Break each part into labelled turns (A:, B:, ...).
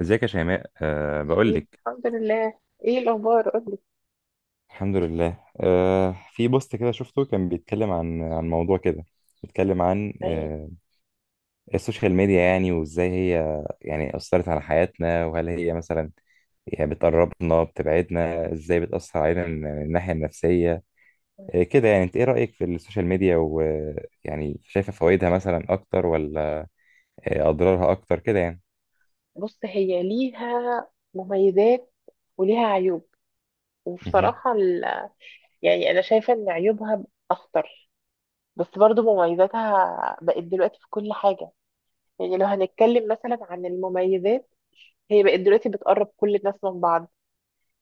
A: ازيك يا شيماء، بقول
B: إيه،
A: لك.
B: الحمد لله. ايه الاخبار؟ قولي.
A: الحمد لله. في بوست كده شفته كان بيتكلم عن موضوع كده، بيتكلم عن
B: يعني
A: السوشيال ميديا، يعني وازاي هي يعني أثرت على حياتنا، وهل هي مثلا يعني بتقربنا بتبعدنا، ازاي بتأثر علينا من الناحية النفسية، كده. يعني انت ايه رأيك في السوشيال ميديا؟ ويعني شايفة فوائدها مثلا اكتر، ولا اضرارها اكتر كده يعني؟
B: بص، هي ليها مميزات وليها عيوب،
A: امم.
B: وبصراحة يعني انا شايفة ان عيوبها اخطر، بس برضو مميزاتها بقت دلوقتي في كل حاجة. يعني لو هنتكلم مثلا عن المميزات، هي بقت دلوقتي بتقرب كل الناس من بعض.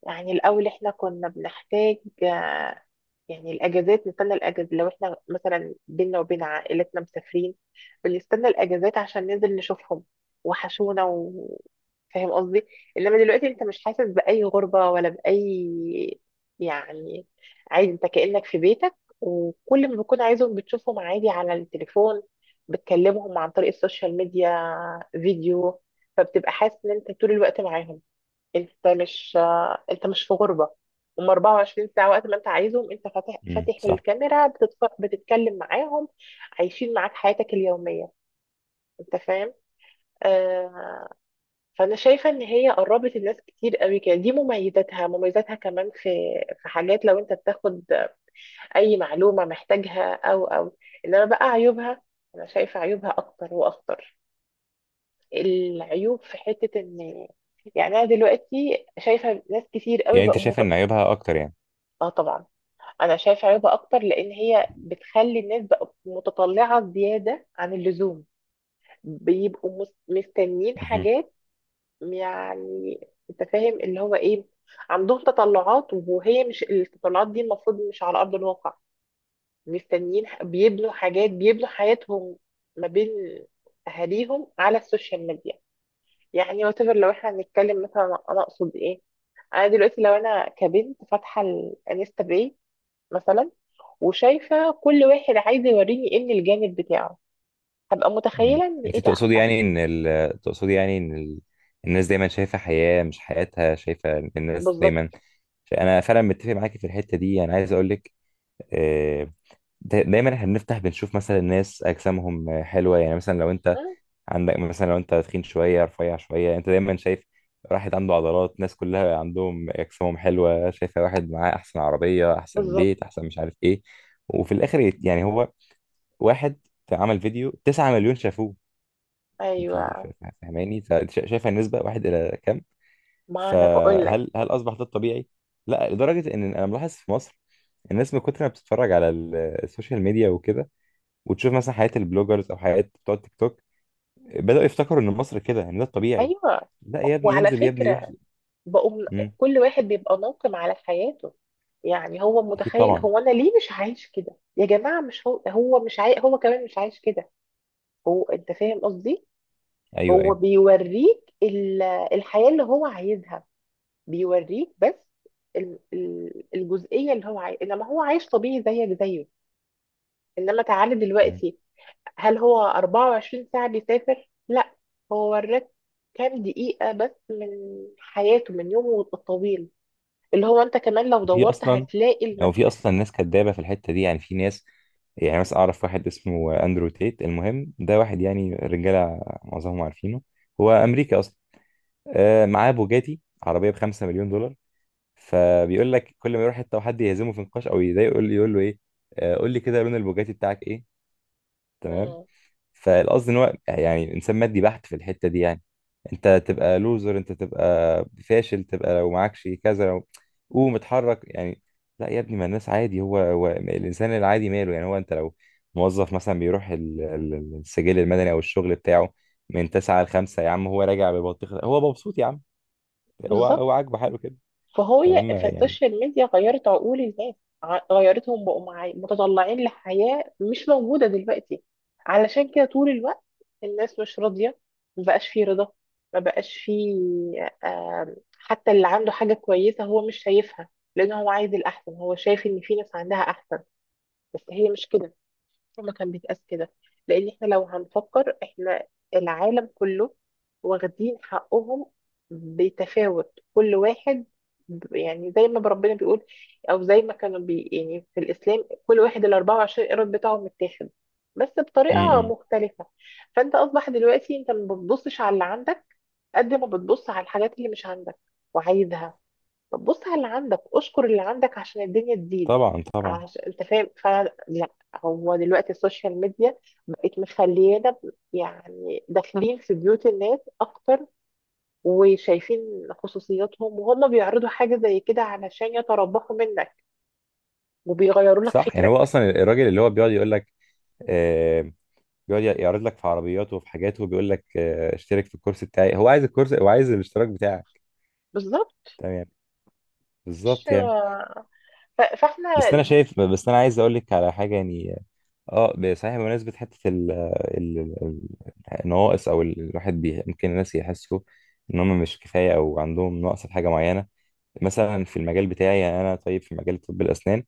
B: يعني الأول إحنا كنا بنحتاج، آه، يعني الأجازات، نستنى الأجازة لو إحنا مثلا بينا وبين عائلتنا مسافرين، بنستنى الأجازات عشان ننزل نشوفهم، وحشونا فاهم قصدي؟ إنما دلوقتي أنت مش حاسس بأي غربة ولا بأي يعني، عادي أنت كأنك في بيتك، وكل ما بتكون عايزهم بتشوفهم عادي على التليفون، بتكلمهم عن طريق السوشيال ميديا، فيديو، فبتبقى حاسس إن أنت طول الوقت معاهم. انت مش انت مش في غربة. هم 24 ساعة وقت ما انت عايزهم، انت فاتح
A: صح.
B: الكاميرا، بتتكلم معاهم، عايشين معاك حياتك اليومية. انت فاهم. آه... فانا شايفة ان هي قربت الناس كتير قوي كده. دي مميزاتها، مميزاتها كمان في في حاجات لو انت بتاخد اي معلومة محتاجها او انما بقى عيوبها، انا شايفة عيوبها اكتر واخطر. العيوب في حتة ان، يعني انا دلوقتي شايفة ناس كتير قوي
A: يعني انت
B: بقوا
A: شايفة ان عيوبها اكتر،
B: اه طبعا. انا شايفه عيوبها اكتر لان هي بتخلي الناس بقى متطلعه زياده عن اللزوم، بيبقوا مستنيين
A: يعني؟
B: حاجات. يعني، انت فاهم اللي هو ايه، عندهم تطلعات وهي مش التطلعات دي المفروض مش على ارض الواقع. مستنيين بيبنوا حاجات، بيبنوا حياتهم ما بين اهاليهم على السوشيال ميديا. يعني وتفر، لو احنا هنتكلم مثلا، انا اقصد ايه؟ انا دلوقتي لو انا كبنت فاتحه الانستا باي مثلا، وشايفه كل واحد عايز يوريني ايه من الجانب بتاعه، هبقى
A: مم.
B: متخيله ان
A: انت
B: ايه ده.
A: تقصدي
B: طب
A: يعني ان الناس دايما شايفه حياه مش حياتها، شايفه الناس دايما.
B: بالظبط.
A: انا فعلا متفق معاكي في الحته دي. انا عايز اقول لك، آه، دايما احنا بنفتح بنشوف مثلا الناس اجسامهم حلوه. يعني مثلا لو انت
B: آه،
A: عندك مثلا، لو انت تخين شويه، رفيع شويه، انت دايما شايف واحد عنده عضلات، ناس كلها عندهم اجسامهم حلوه، شايفه واحد معاه احسن عربيه، احسن
B: بالظبط.
A: بيت، احسن مش عارف ايه. وفي الاخر يعني هو واحد عمل فيديو 9 مليون شافوه. انت
B: ايوه،
A: فاهماني؟ فانت شايفه النسبه واحد الى كام؟
B: ما انا بقول لك.
A: فهل اصبح ده الطبيعي؟ لا، لدرجه ان انا ملاحظ في مصر الناس من كتر ما بتتفرج على السوشيال ميديا وكده، وتشوف مثلا حياه البلوجرز او حياه بتوع التيك توك، بداوا يفتكروا ان مصر كده، ان ده الطبيعي.
B: ايوه
A: لا يا ابني
B: وعلى
A: ينزل يا ابني يروح.
B: فكره، بقوم
A: امم.
B: كل واحد بيبقى ناقم على حياته. يعني هو
A: اكيد
B: متخيل،
A: طبعا.
B: هو انا ليه مش عايش كده يا جماعه؟ مش هو، هو مش عاي... هو كمان مش عايش كده. هو انت فاهم قصدي.
A: ايوه ايوه.
B: هو بيوريك الحياه اللي هو عايزها، بيوريك بس الجزئية اللي هو عايش، انما هو عايش طبيعي زيك زيه. انما تعالى
A: مم.
B: دلوقتي، هل هو 24 ساعة بيسافر؟ لا، هو وراك كام دقيقة بس من حياته، من يومه الطويل، اللي هو انت كمان لو
A: في
B: دورت
A: اصلا،
B: هتلاقي
A: او في
B: لنفسك.
A: اصلا ناس كدابه في الحته دي. يعني في ناس، يعني مثلا اعرف واحد اسمه اندرو تيت، المهم ده واحد يعني رجاله معظمهم عارفينه، هو
B: مم.
A: امريكا اصلا، معاه بوجاتي عربيه بـ5 مليون دولار. فبيقول لك كل ما يروح حته وحد يهزمه في نقاش او يضايقه يقول له ايه، قول لي كده لون البوجاتي بتاعك ايه. تمام.
B: مم.
A: فالقصد ان هو يعني انسان مادي بحت في الحته دي، يعني انت تبقى لوزر، انت تبقى فاشل، تبقى لو معكش كذا، لو قوم اتحرك يعني. لا يا ابني، ما الناس عادي. هو الانسان العادي ماله يعني، هو انت لو موظف مثلا، بيروح السجل المدني او الشغل بتاعه من 9 ل 5، يا عم هو راجع ببطيخ، هو مبسوط يا عم. هو
B: بالظبط.
A: هو عاجبه حاله كده.
B: فهو،
A: تمام يعني.
B: فالسوشيال ميديا غيرت عقول الناس، غيرتهم بقوا معي متطلعين لحياة مش موجودة دلوقتي. علشان كده طول الوقت الناس مش راضية، ما بقاش في رضا، ما بقاش في، حتى اللي عنده حاجة كويسة هو مش شايفها، لأنه هو عايز الأحسن، هو شايف إن في ناس عندها أحسن. بس هي مش كده، ما كان بيتقاس كده. لان احنا لو هنفكر، احنا العالم كله واخدين حقهم بتفاوت، كل واحد يعني زي ما ربنا بيقول، او زي ما كانوا بي يعني في الاسلام، كل واحد ال 24 قيراط بتاعهم متاخد بس بطريقه
A: امم.
B: مختلفه. فانت اصبح دلوقتي انت ما بتبصش على اللي عندك، قد ما بتبص على الحاجات اللي مش عندك وعايزها. طب بص على اللي عندك، اشكر اللي عندك عشان الدنيا تزيد.
A: طبعا طبعا.
B: عشان انت فاهم فعلا، لا هو دلوقتي السوشيال ميديا بقت مخليانا يعني داخلين في بيوت الناس اكتر، وشايفين خصوصياتهم، وهم بيعرضوا حاجة زي كده علشان يتربحوا منك وبيغيروا لك
A: صح. يعني هو
B: فكرك.
A: اصلا الراجل اللي هو بيقعد يقول لك، آه بيقعد يعرض لك في عربياته وفي حاجاته وبيقول لك آه اشترك في الكورس بتاعي. هو عايز الكورس، هو عايز الاشتراك بتاعك.
B: بالظبط.
A: تمام يعني.
B: مش-
A: بالظبط يعني.
B: فاحنا،
A: بس انا شايف، بس انا عايز اقول لك على حاجه يعني. اه صحيح بمناسبه حته ال ال- النواقص او الواحد بي، ممكن الناس يحسوا ان هم مش كفايه او عندهم نقص في حاجه معينه. مثلا في المجال بتاعي، يعني انا طيب في مجال طب الاسنان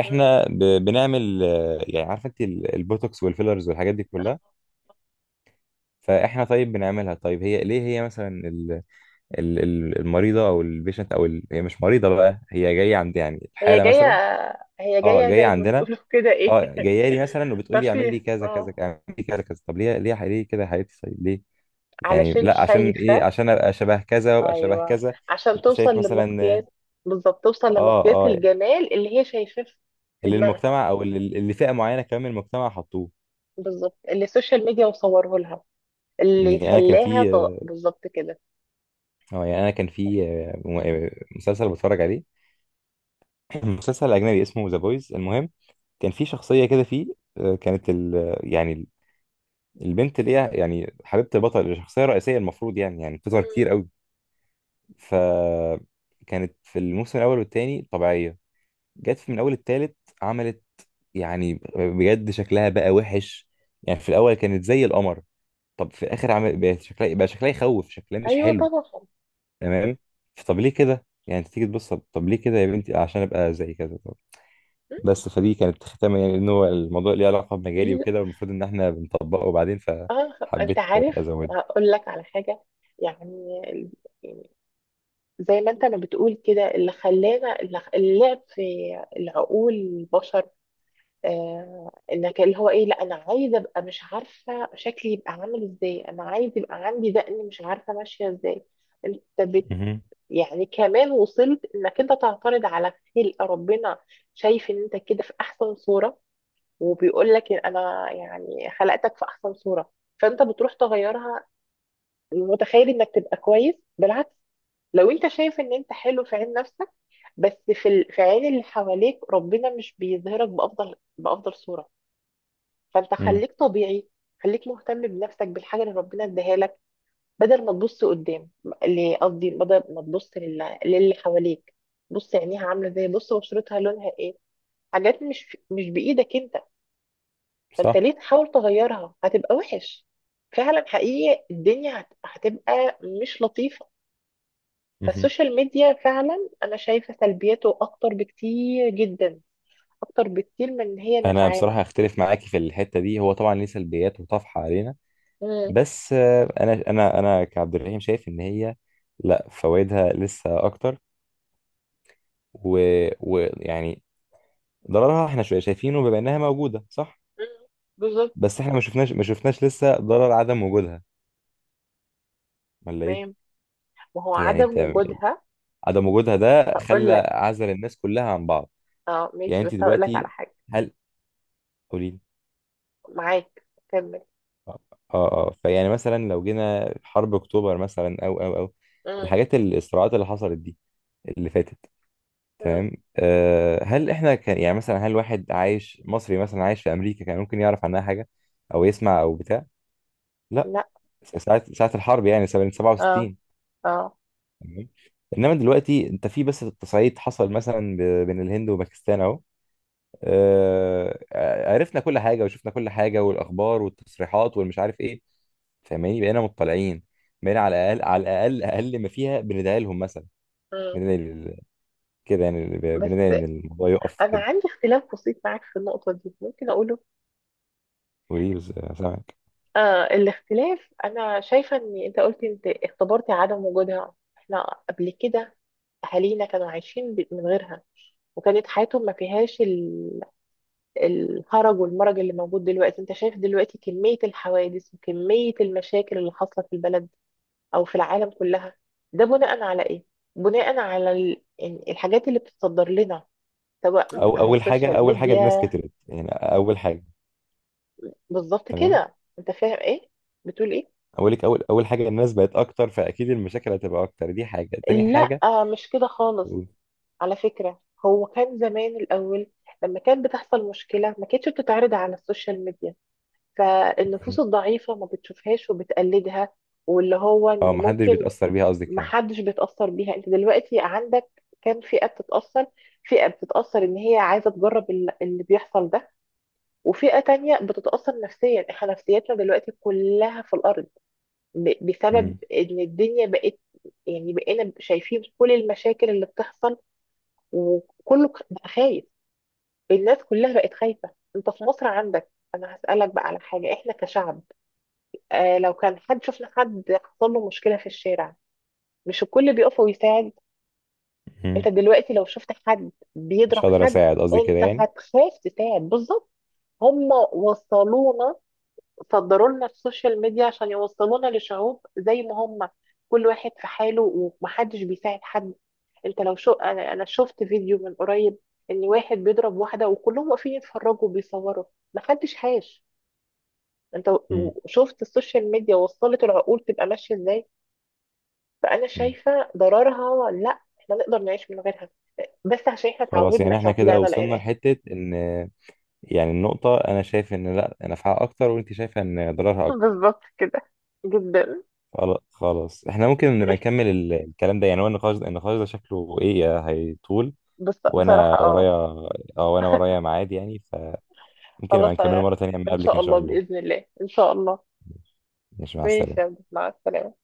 A: احنا بنعمل يعني عارفه انت البوتوكس والفيلرز والحاجات دي كلها. فاحنا طيب بنعملها. طيب هي ليه، هي مثلا المريضه او البيشنت هي مش مريضه بقى، هي جايه عند يعني
B: هي
A: الحاله
B: جاية،
A: مثلا.
B: هي
A: اه
B: جاية
A: جايه
B: زي ما
A: عندنا.
B: بتقولوا كده ايه
A: اه جايه لي مثلا، وبتقول لي اعمل لي
B: ترفيه
A: كذا كذا
B: اه،
A: كذا، اعمل لي كذا كذا. طب ليه، ليه كده يا حبيبتي؟ طيب ليه يعني؟
B: علشان
A: لا، عشان ايه؟
B: شايفة.
A: عشان ابقى شبه كذا وابقى شبه
B: ايوه،
A: كذا.
B: عشان
A: انت
B: توصل
A: شايف مثلا.
B: لمقياس. بالظبط، توصل
A: اه
B: لمقياس
A: اه.
B: الجمال اللي هي شايفاه في، في
A: اللي
B: دماغها.
A: المجتمع، او اللي فئه معينه كمان من المجتمع حطوه.
B: بالظبط، اللي السوشيال ميديا مصوره لها، اللي
A: يعني انا كان
B: خلاها
A: في،
B: طاق بالظبط كده.
A: اه يعني انا كان في مسلسل بتفرج عليه. مسلسل اجنبي اسمه ذا بويز، المهم كان في شخصيه كده فيه، كانت ال يعني البنت اللي هي يعني حبيبه البطل، الشخصيه الرئيسيه، المفروض يعني بتظهر
B: مم.
A: كتير قوي. ف كانت في الموسم الاول والتاني طبيعيه، جت في من اول التالت عملت، يعني بجد شكلها بقى وحش. يعني في الاول كانت زي القمر، طب في الاخر عمل بقى شكلها، بقى شكلها يخوف، شكلها مش
B: ايوه
A: حلو.
B: طبعا.
A: تمام. طب ليه كده يعني؟ انت تيجي تبص، طب طب ليه كده يا بنتي؟ عشان ابقى زي كذا. طب.
B: مم.
A: بس فدي كانت ختامه يعني، ان هو الموضوع ليه علاقه بمجالي
B: لا.
A: وكده، والمفروض ان احنا بنطبقه بعدين،
B: اه انت
A: فحبيت
B: عارف،
A: ازود.
B: هقول لك على حاجه. يعني يعني زي ما انت ما بتقول كده، اللي خلانا، اللعب في العقول البشر. انك اللي هو ايه، لا انا عايزه ابقى مش عارفه شكلي يبقى عامل ازاي، انا عايز يبقى عندي دقن، مش عارفه ماشيه ازاي. انت بت
A: مهم.
B: يعني كمان وصلت انك انت تعترض على خلق ربنا. شايف ان انت كده في احسن صوره، وبيقول لك انا يعني خلقتك في احسن صوره، فانت بتروح تغيرها. متخيل انك تبقى كويس؟ بالعكس. لو انت شايف ان انت حلو في عين نفسك، بس في في عين اللي حواليك ربنا مش بيظهرك بافضل، بافضل صوره. فانت
A: مم.
B: خليك طبيعي، خليك مهتم بنفسك بالحاجه اللي ربنا اداها لك، بدل ما تبص قدام، اللي قصدي بدل ما تبص للي حواليك، بص عينيها عامله ازاي، بص بشرتها لونها ايه. حاجات مش بايدك انت. فانت
A: صح.
B: ليه تحاول تغيرها؟ هتبقى وحش. فعلا حقيقي، الدنيا هتبقى مش لطيفه.
A: مهم.
B: فالسوشيال ميديا فعلا انا شايفه سلبياته اكتر بكتير جدا، اكتر بكتير من ان هي
A: انا بصراحه
B: نفعانا.
A: اختلف معاكي في الحته دي. هو طبعا ليه سلبيات وطفحه علينا،
B: مم.
A: بس انا كعبد الرحيم شايف ان هي لا فوائدها لسه اكتر، ويعني ويعني ضررها احنا شوية شايفينه بما انها موجودة، صح؟
B: مم. بالظبط.
A: بس احنا ما شفناش، لسه ضرر عدم وجودها، ولا ايه؟
B: تمام، ما هو
A: يعني
B: عدم
A: انت،
B: وجودها.
A: عدم وجودها ده خلى
B: هقول لك.
A: عزل الناس كلها عن بعض.
B: اه
A: يعني
B: ماشي، بس
A: انت
B: هقول لك على
A: دلوقتي،
B: حاجة.
A: هل... قولي لي.
B: معاك، كمل.
A: اه اه فيعني مثلا لو جينا حرب اكتوبر مثلا او
B: مم.
A: الحاجات الصراعات اللي حصلت دي اللي فاتت.
B: مم.
A: تمام. أه هل احنا كان يعني مثلا، هل واحد عايش مصري مثلا عايش في امريكا كان ممكن يعرف عنها حاجة او يسمع او بتاع؟ لا.
B: لا.
A: ساعة الحرب يعني سنة
B: اه
A: 67.
B: اه.
A: تمام. انما دلوقتي انت في، بس التصعيد حصل مثلا بين الهند وباكستان اهو، عرفنا كل حاجه وشفنا كل حاجه، والاخبار والتصريحات والمش عارف ايه. فاهماني؟ بقينا مطلعين، بقينا على الاقل، على الاقل اقل ما فيها بندعي لهم مثلا.
B: مم.
A: بندعي لل- كده يعني، بندعي ان
B: بس
A: الموضوع يقف
B: انا
A: كده.
B: عندي اختلاف بسيط معاك في النقطة دي، ممكن اقوله.
A: وليه بس؟ سامعك.
B: آه الاختلاف، انا شايفة ان انت قلت انت اختبرتي عدم وجودها. احنا قبل كده اهالينا كانوا عايشين من غيرها، وكانت حياتهم ما فيهاش الهرج والمرج اللي موجود دلوقتي. انت شايف دلوقتي كمية الحوادث وكمية المشاكل اللي حاصلة في البلد، او في العالم كلها؟ ده بناء على ايه؟ بناء على إن الحاجات اللي بتتصدر لنا، سواء
A: او
B: عن السوشيال
A: اول حاجه الناس
B: ميديا.
A: كترت يعني، اول حاجه.
B: بالظبط
A: تمام.
B: كده، انت فاهم ايه بتقول ايه.
A: اولك اول حاجه الناس بقت اكتر، فاكيد المشاكل هتبقى اكتر. دي حاجه. تاني حاجه.
B: لا مش كده خالص، على فكرة. هو كان زمان الاول لما كانت بتحصل مشكلة ما كانتش بتتعرض على السوشيال ميديا، فالنفوس الضعيفة ما بتشوفهاش وبتقلدها، واللي هو
A: اه
B: ان
A: محدش
B: ممكن،
A: بيتأثر بيها قصدك يعني؟
B: محدش بيتأثر بيها. انت دلوقتي عندك كام فئة بتتأثر؟ فئة بتتأثر ان هي عايزة تجرب اللي بيحصل ده، وفئة تانية بتتأثر نفسيا. احنا نفسيتنا دلوقتي كلها في الأرض بسبب
A: مم.
B: ان الدنيا بقت، يعني بقينا شايفين كل المشاكل اللي بتحصل، وكله بقى خايف. الناس كلها بقت خايفة. انت في مصر عندك، انا هسألك بقى على حاجة، احنا كشعب، آه لو كان حد، شفنا حد حصل له مشكلة في الشارع، مش الكل بيقف ويساعد.
A: مم.
B: انت دلوقتي لو شفت حد بيضرب
A: مش هقدر
B: حد،
A: اساعد قصدي كده
B: انت
A: يعني.
B: هتخاف تساعد. بالظبط، هم وصلونا، صدروا لنا السوشيال ميديا عشان يوصلونا لشعوب زي ما هم، كل واحد في حاله ومحدش بيساعد حد. انت لو شو، انا شفت فيديو من قريب ان واحد بيضرب واحدة وكلهم واقفين يتفرجوا وبيصوروا، محدش هاش. انت
A: مم.
B: شفت السوشيال ميديا وصلت العقول تبقى ماشية ازاي؟ فانا
A: مم.
B: شايفه ضررها، لا احنا نقدر نعيش من غيرها، بس عشان احنا
A: خلاص
B: اتعودنا،
A: يعني احنا
B: احنا
A: كده
B: طلعنا
A: وصلنا
B: لقيناها.
A: لحتة ان، يعني النقطة انا شايف ان لا نفعها اكتر، وانت شايفة ان ضررها اكتر.
B: بالظبط كده، جدا.
A: خلاص، احنا ممكن نبقى نكمل الكلام ده يعني. هو النقاش ده، النقاش ده شكله ايه، هيطول،
B: بس بصراحه
A: وانا ورايا.
B: اه،
A: اه وانا ورايا ميعاد يعني، فممكن نبقى
B: خلاص.
A: نكمله مرة تانية لما
B: ان
A: اقابلك ان
B: شاء
A: شاء
B: الله،
A: الله.
B: باذن الله، ان شاء الله.
A: ماشي مع
B: ماشي يا
A: السلامة.
B: عبد، مع السلامه.